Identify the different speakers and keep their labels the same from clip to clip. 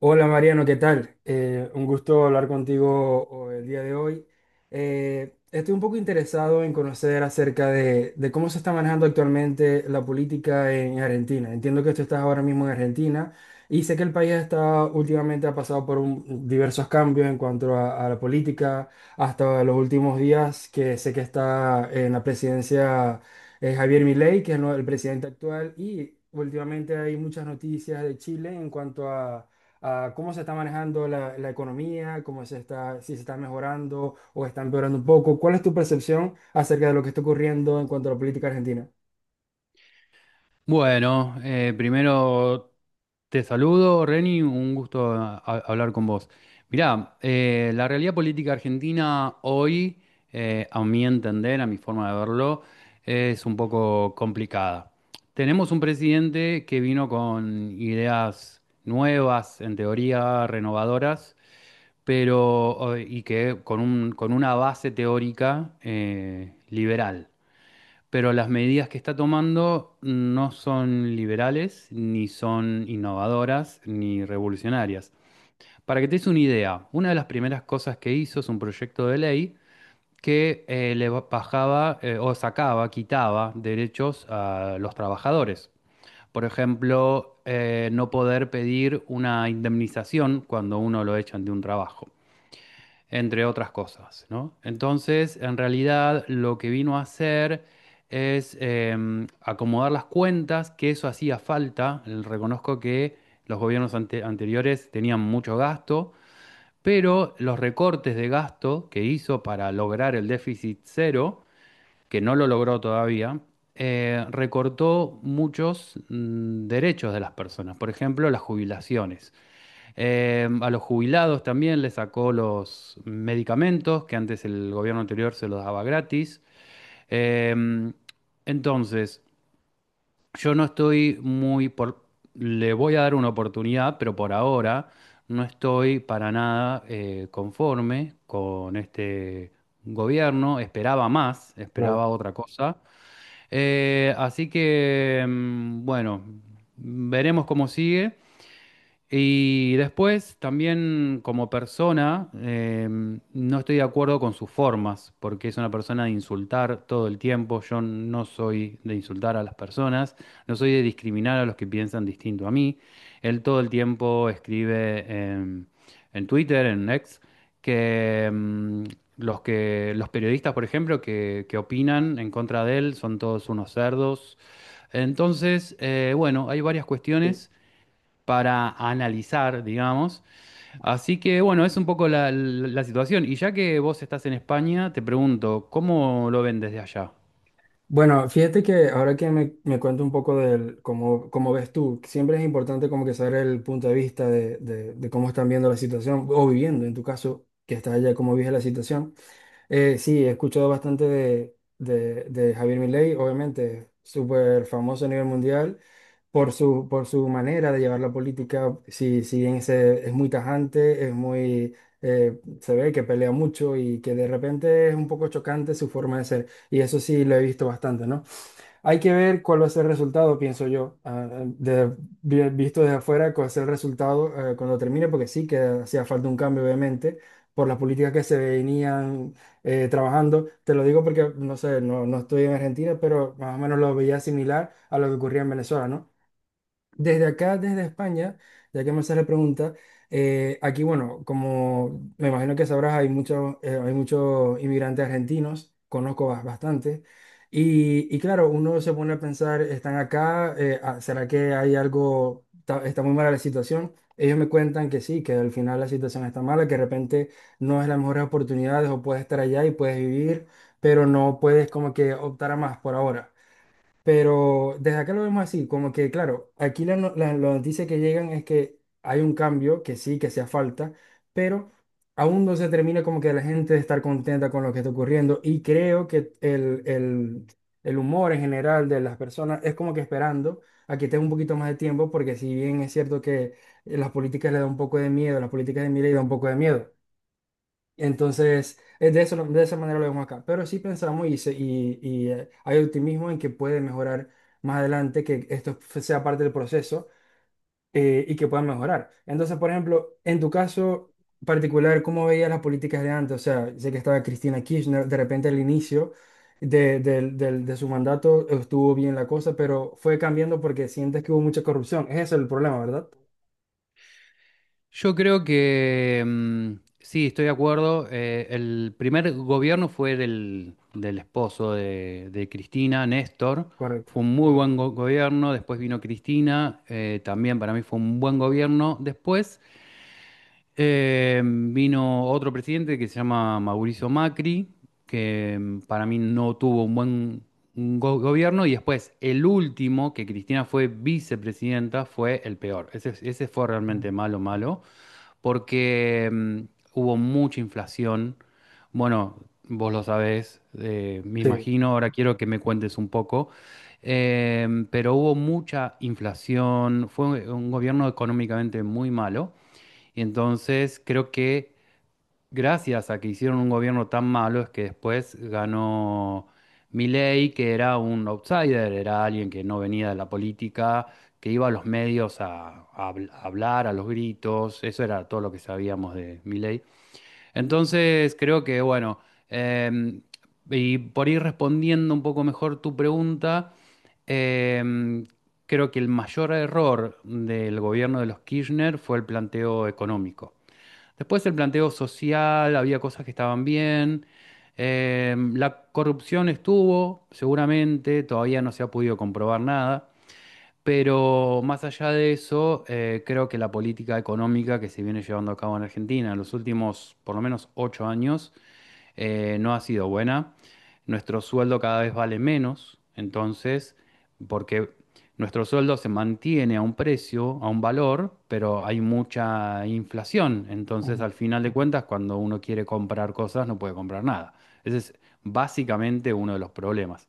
Speaker 1: Hola Mariano, ¿qué tal? Un gusto hablar contigo el día de hoy. Estoy un poco interesado en conocer acerca de cómo se está manejando actualmente la política en Argentina. Entiendo que tú estás ahora mismo en Argentina y sé que el país está últimamente ha pasado por diversos cambios en cuanto a la política, hasta los últimos días que sé que está en la presidencia Javier Milei, que es el presidente actual, y últimamente hay muchas noticias de Chile en cuanto a cómo se está manejando la economía, cómo se está, si se está mejorando o está empeorando un poco. ¿Cuál es tu percepción acerca de lo que está ocurriendo en cuanto a la política argentina?
Speaker 2: Bueno, primero te saludo, Reni, un gusto hablar con vos. Mirá, la realidad política argentina hoy, a mi entender, a mi forma de verlo, es un poco complicada. Tenemos un presidente que vino con ideas nuevas, en teoría renovadoras, pero y que con con una base teórica liberal, pero las medidas que está tomando no son liberales, ni son innovadoras, ni revolucionarias. Para que te des una idea, una de las primeras cosas que hizo es un proyecto de ley que bajaba, o sacaba, quitaba derechos a los trabajadores. Por ejemplo, no poder pedir una indemnización cuando uno lo echan de un trabajo, entre otras cosas, ¿no? Entonces, en realidad, lo que vino a hacer es acomodar las cuentas, que eso hacía falta. Reconozco que los gobiernos anteriores tenían mucho gasto, pero los recortes de gasto que hizo para lograr el déficit cero, que no lo logró todavía, recortó muchos derechos de las personas, por ejemplo, las jubilaciones. A los jubilados también les sacó los medicamentos, que antes el gobierno anterior se los daba gratis. Eh, entonces, yo no estoy muy por... Le voy a dar una oportunidad, pero por ahora no estoy para nada conforme con este gobierno. Esperaba más, esperaba
Speaker 1: Claro.
Speaker 2: otra cosa. Así que, bueno, veremos cómo sigue. Y después también como persona, no estoy de acuerdo con sus formas, porque es una persona de insultar todo el tiempo. Yo no soy de insultar a las personas, no soy de discriminar a los que piensan distinto a mí. Él todo el tiempo escribe en Twitter, en X, que los periodistas, por ejemplo, que opinan en contra de él son todos unos cerdos. Entonces, bueno, hay varias cuestiones para analizar, digamos. Así que bueno, es un poco la situación. Y ya que vos estás en España, te pregunto, ¿cómo lo ven desde allá?
Speaker 1: Bueno, fíjate que ahora que me cuento un poco del cómo ves tú, siempre es importante como que saber el punto de vista de cómo están viendo la situación o viviendo, en tu caso, que estás allá, cómo vives la situación. Sí, he escuchado bastante de Javier Milei, obviamente, súper famoso a nivel mundial por su manera de llevar la política. Si, si bien es muy tajante, es muy, se ve que pelea mucho y que de repente es un poco chocante su forma de ser. Y eso sí lo he visto bastante, ¿no? Hay que ver cuál va a ser el resultado, pienso yo, visto desde afuera, cuál va a ser el resultado cuando termine, porque sí que hacía falta un cambio, obviamente, por las políticas que se venían trabajando. Te lo digo porque, no sé, no estoy en Argentina, pero más o menos lo veía similar a lo que ocurría en Venezuela, ¿no? Desde acá, desde España, ya que me haces la pregunta, aquí, bueno, como me imagino que sabrás, hay muchos inmigrantes argentinos, conozco bastante, y claro, uno se pone a pensar, están acá, ¿será que hay algo, está muy mala la situación? Ellos me cuentan que sí, que al final la situación está mala, que de repente no es las mejores oportunidades o puedes estar allá y puedes vivir, pero no puedes como que optar a más por ahora. Pero desde acá lo vemos así, como que claro, aquí la, no- la noticia que llegan es que hay un cambio, que sí, que hacía falta, pero aún no se termina como que la gente de estar contenta con lo que está ocurriendo y creo que el humor en general de las personas es como que esperando a que tenga un poquito más de tiempo, porque si bien es cierto que las políticas le da un poco de miedo, las políticas de Milei da un poco de miedo, entonces, de eso, de esa manera lo vemos acá. Pero sí pensamos hay optimismo en que puede mejorar más adelante, que esto sea parte del proceso y que pueda mejorar. Entonces, por ejemplo, en tu caso particular, ¿cómo veías las políticas de antes? O sea, sé que estaba Cristina Kirchner, de repente al inicio de su mandato estuvo bien la cosa, pero fue cambiando porque sientes que hubo mucha corrupción. Ese es el problema, ¿verdad?
Speaker 2: Yo creo que sí, estoy de acuerdo. El primer gobierno fue del esposo de Cristina, Néstor.
Speaker 1: Correcto.
Speaker 2: Fue un muy buen gobierno. Después vino Cristina, también para mí fue un buen gobierno. Después... vino otro presidente que se llama Mauricio Macri, que para mí no tuvo un buen gobierno, y después el último, que Cristina fue vicepresidenta, fue el peor. Ese fue
Speaker 1: Mm.
Speaker 2: realmente malo, malo, porque hubo mucha inflación. Bueno, vos lo sabés, me
Speaker 1: Sí,
Speaker 2: imagino, ahora quiero que me cuentes un poco. Pero hubo mucha inflación, fue un gobierno económicamente muy malo. Entonces, creo que gracias a que hicieron un gobierno tan malo es que después ganó Milei, que era un outsider, era alguien que no venía de la política, que iba a los medios a, a hablar, a los gritos, eso era todo lo que sabíamos de Milei. Entonces, creo que, bueno, em, y por ir respondiendo un poco mejor tu pregunta, em, creo que el mayor error del gobierno de los Kirchner fue el planteo económico. Después el planteo social, había cosas que estaban bien. La corrupción estuvo, seguramente, todavía no se ha podido comprobar nada. Pero más allá de eso, creo que la política económica que se viene llevando a cabo en Argentina en los últimos por lo menos ocho años no ha sido buena. Nuestro sueldo cada vez vale menos, entonces, porque nuestro sueldo se mantiene a un precio, a un valor, pero hay mucha inflación. Entonces,
Speaker 1: ujú,
Speaker 2: al final de cuentas, cuando uno quiere comprar cosas, no puede comprar nada. Ese es básicamente uno de los problemas.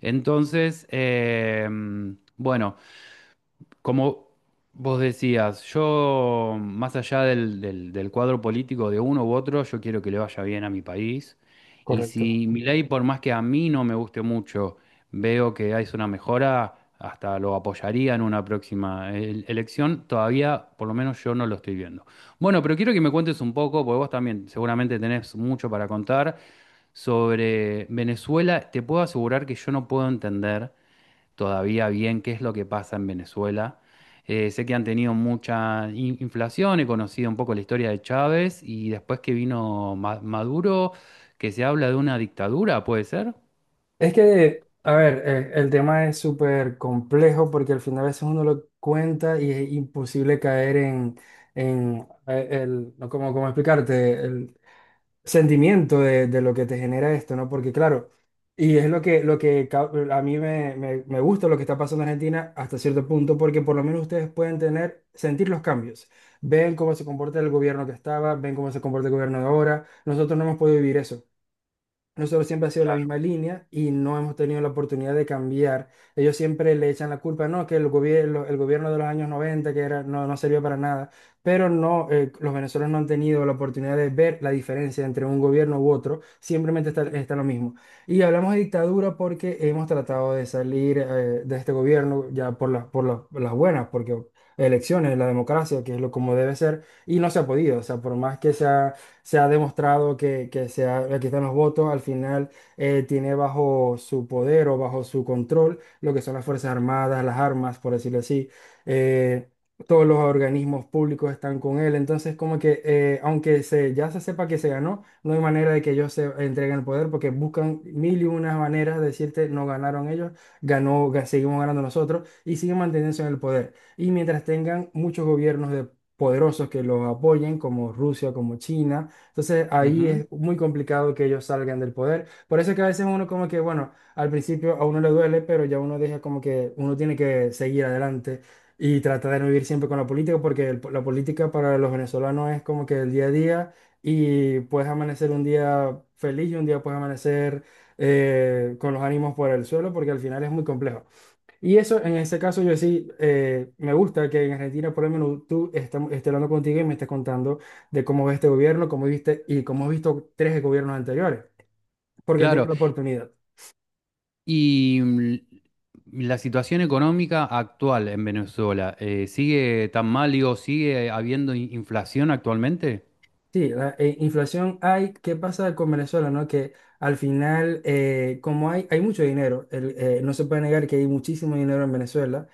Speaker 2: Entonces, bueno. Como vos decías, yo, más allá del cuadro político de uno u otro, yo quiero que le vaya bien a mi país. Y
Speaker 1: correcto.
Speaker 2: si mi ley, por más que a mí no me guste mucho, veo que hay una mejora, hasta lo apoyaría en una próxima elección. Todavía, por lo menos yo no lo estoy viendo. Bueno, pero quiero que me cuentes un poco, porque vos también seguramente tenés mucho para contar sobre Venezuela. Te puedo asegurar que yo no puedo entender todavía bien qué es lo que pasa en Venezuela. Sé que han tenido mucha inflación, he conocido un poco la historia de Chávez y después que vino Maduro, que se habla de una dictadura, ¿puede ser?
Speaker 1: Es que, a ver, el tema es súper complejo porque al final a veces uno lo cuenta y es imposible caer en el, no, ¿cómo, cómo explicarte? El sentimiento de lo que te genera esto, ¿no? Porque claro, y es lo que, a mí me gusta lo que está pasando en Argentina hasta cierto punto porque por lo menos ustedes pueden tener, sentir los cambios. Ven cómo se comporta el gobierno que estaba, ven cómo se comporta el gobierno de ahora. Nosotros no hemos podido vivir eso. Nosotros siempre ha sido la misma línea y no hemos tenido la oportunidad de cambiar. Ellos siempre le echan la culpa, no, que el gobierno de los años 90, que era, no, no servía para nada, pero no, los venezolanos no han tenido la oportunidad de ver la diferencia entre un gobierno u otro, simplemente está, está lo mismo. Y hablamos de dictadura porque hemos tratado de salir, de este gobierno ya por las buenas, porque elecciones, la democracia, que es lo como debe ser, y no se ha podido, o sea, por más que sea se ha demostrado que, aquí están los votos, al final tiene bajo su poder o bajo su control lo que son las Fuerzas Armadas, las armas, por decirlo así. eh, Todos los organismos públicos están con él, entonces como que aunque se, ya se sepa que se ganó, no hay manera de que ellos se entreguen el poder porque buscan mil y unas maneras de decirte no ganaron ellos, seguimos ganando nosotros y siguen manteniéndose en el poder. Y mientras tengan muchos gobiernos de poderosos que los apoyen, como Rusia, como China, entonces ahí
Speaker 2: Ujú.
Speaker 1: es muy complicado que ellos salgan del poder. Por eso es que a veces uno como que, bueno, al principio a uno le duele, pero ya uno deja como que uno tiene que seguir adelante y tratar de no vivir siempre con la política, porque la política para los venezolanos es como que el día a día y puedes amanecer un día feliz y un día puedes amanecer con los ánimos por el suelo, porque al final es muy complejo. Y eso, en ese caso, yo sí, me gusta que en Argentina, por lo menos, esté hablando contigo y me estés contando de cómo ves este gobierno, cómo viste y cómo has visto tres gobiernos anteriores, porque han tenido
Speaker 2: Claro.
Speaker 1: la oportunidad.
Speaker 2: Y la situación económica actual en Venezuela, ¿sigue tan mal, digo, sigue habiendo inflación actualmente?
Speaker 1: Sí, la inflación hay. ¿Qué pasa con Venezuela, no? Que al final, como hay mucho dinero, no se puede negar que hay muchísimo dinero en Venezuela.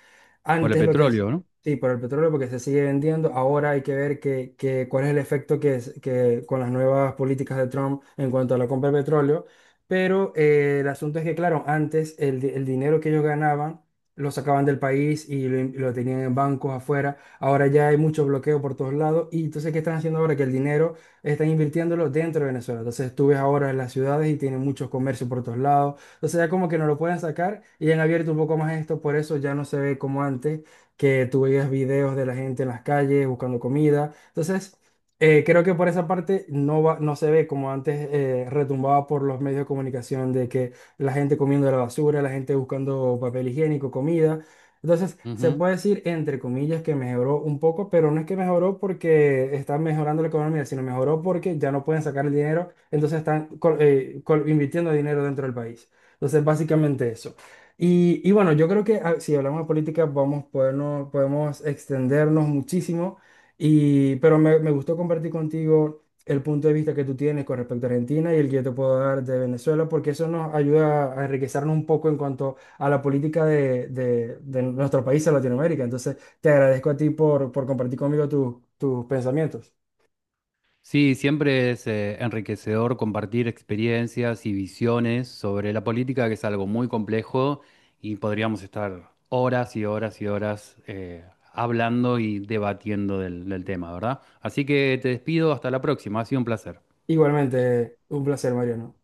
Speaker 2: Por el
Speaker 1: Antes lo que
Speaker 2: petróleo, ¿no?
Speaker 1: sí, por el petróleo, porque se sigue vendiendo. Ahora hay que ver cuál es el efecto que con las nuevas políticas de Trump en cuanto a la compra de petróleo. Pero el asunto es que, claro, antes el dinero que ellos ganaban lo sacaban del país y lo tenían en bancos afuera. Ahora ya hay mucho bloqueo por todos lados. Y entonces, ¿qué están haciendo ahora? Que el dinero están invirtiéndolo dentro de Venezuela. Entonces, tú ves ahora en las ciudades y tienen muchos comercios por todos lados. Entonces, ya como que no lo pueden sacar y han abierto un poco más esto. Por eso ya no se ve como antes, que tú veías videos de la gente en las calles buscando comida. Entonces, creo que por esa parte no va, no se ve como antes retumbaba por los medios de comunicación de que la gente comiendo la basura, la gente buscando papel higiénico, comida. Entonces, se puede decir, entre comillas, que mejoró un poco, pero no es que mejoró porque está mejorando la economía, sino mejoró porque ya no pueden sacar el dinero, entonces están invirtiendo dinero dentro del país. Entonces, básicamente eso. Y bueno, yo creo que si hablamos de política, vamos, podemos extendernos muchísimo, y, pero me gustó compartir contigo el punto de vista que tú tienes con respecto a Argentina y el que yo te puedo dar de Venezuela, porque eso nos ayuda a enriquecernos un poco en cuanto a la política de nuestro país, de Latinoamérica. Entonces, te agradezco a ti por compartir conmigo tus pensamientos.
Speaker 2: Sí, siempre es enriquecedor compartir experiencias y visiones sobre la política, que es algo muy complejo y podríamos estar horas y horas y horas hablando y debatiendo del tema, ¿verdad? Así que te despido, hasta la próxima, ha sido un placer.
Speaker 1: Igualmente, un placer, Mariano.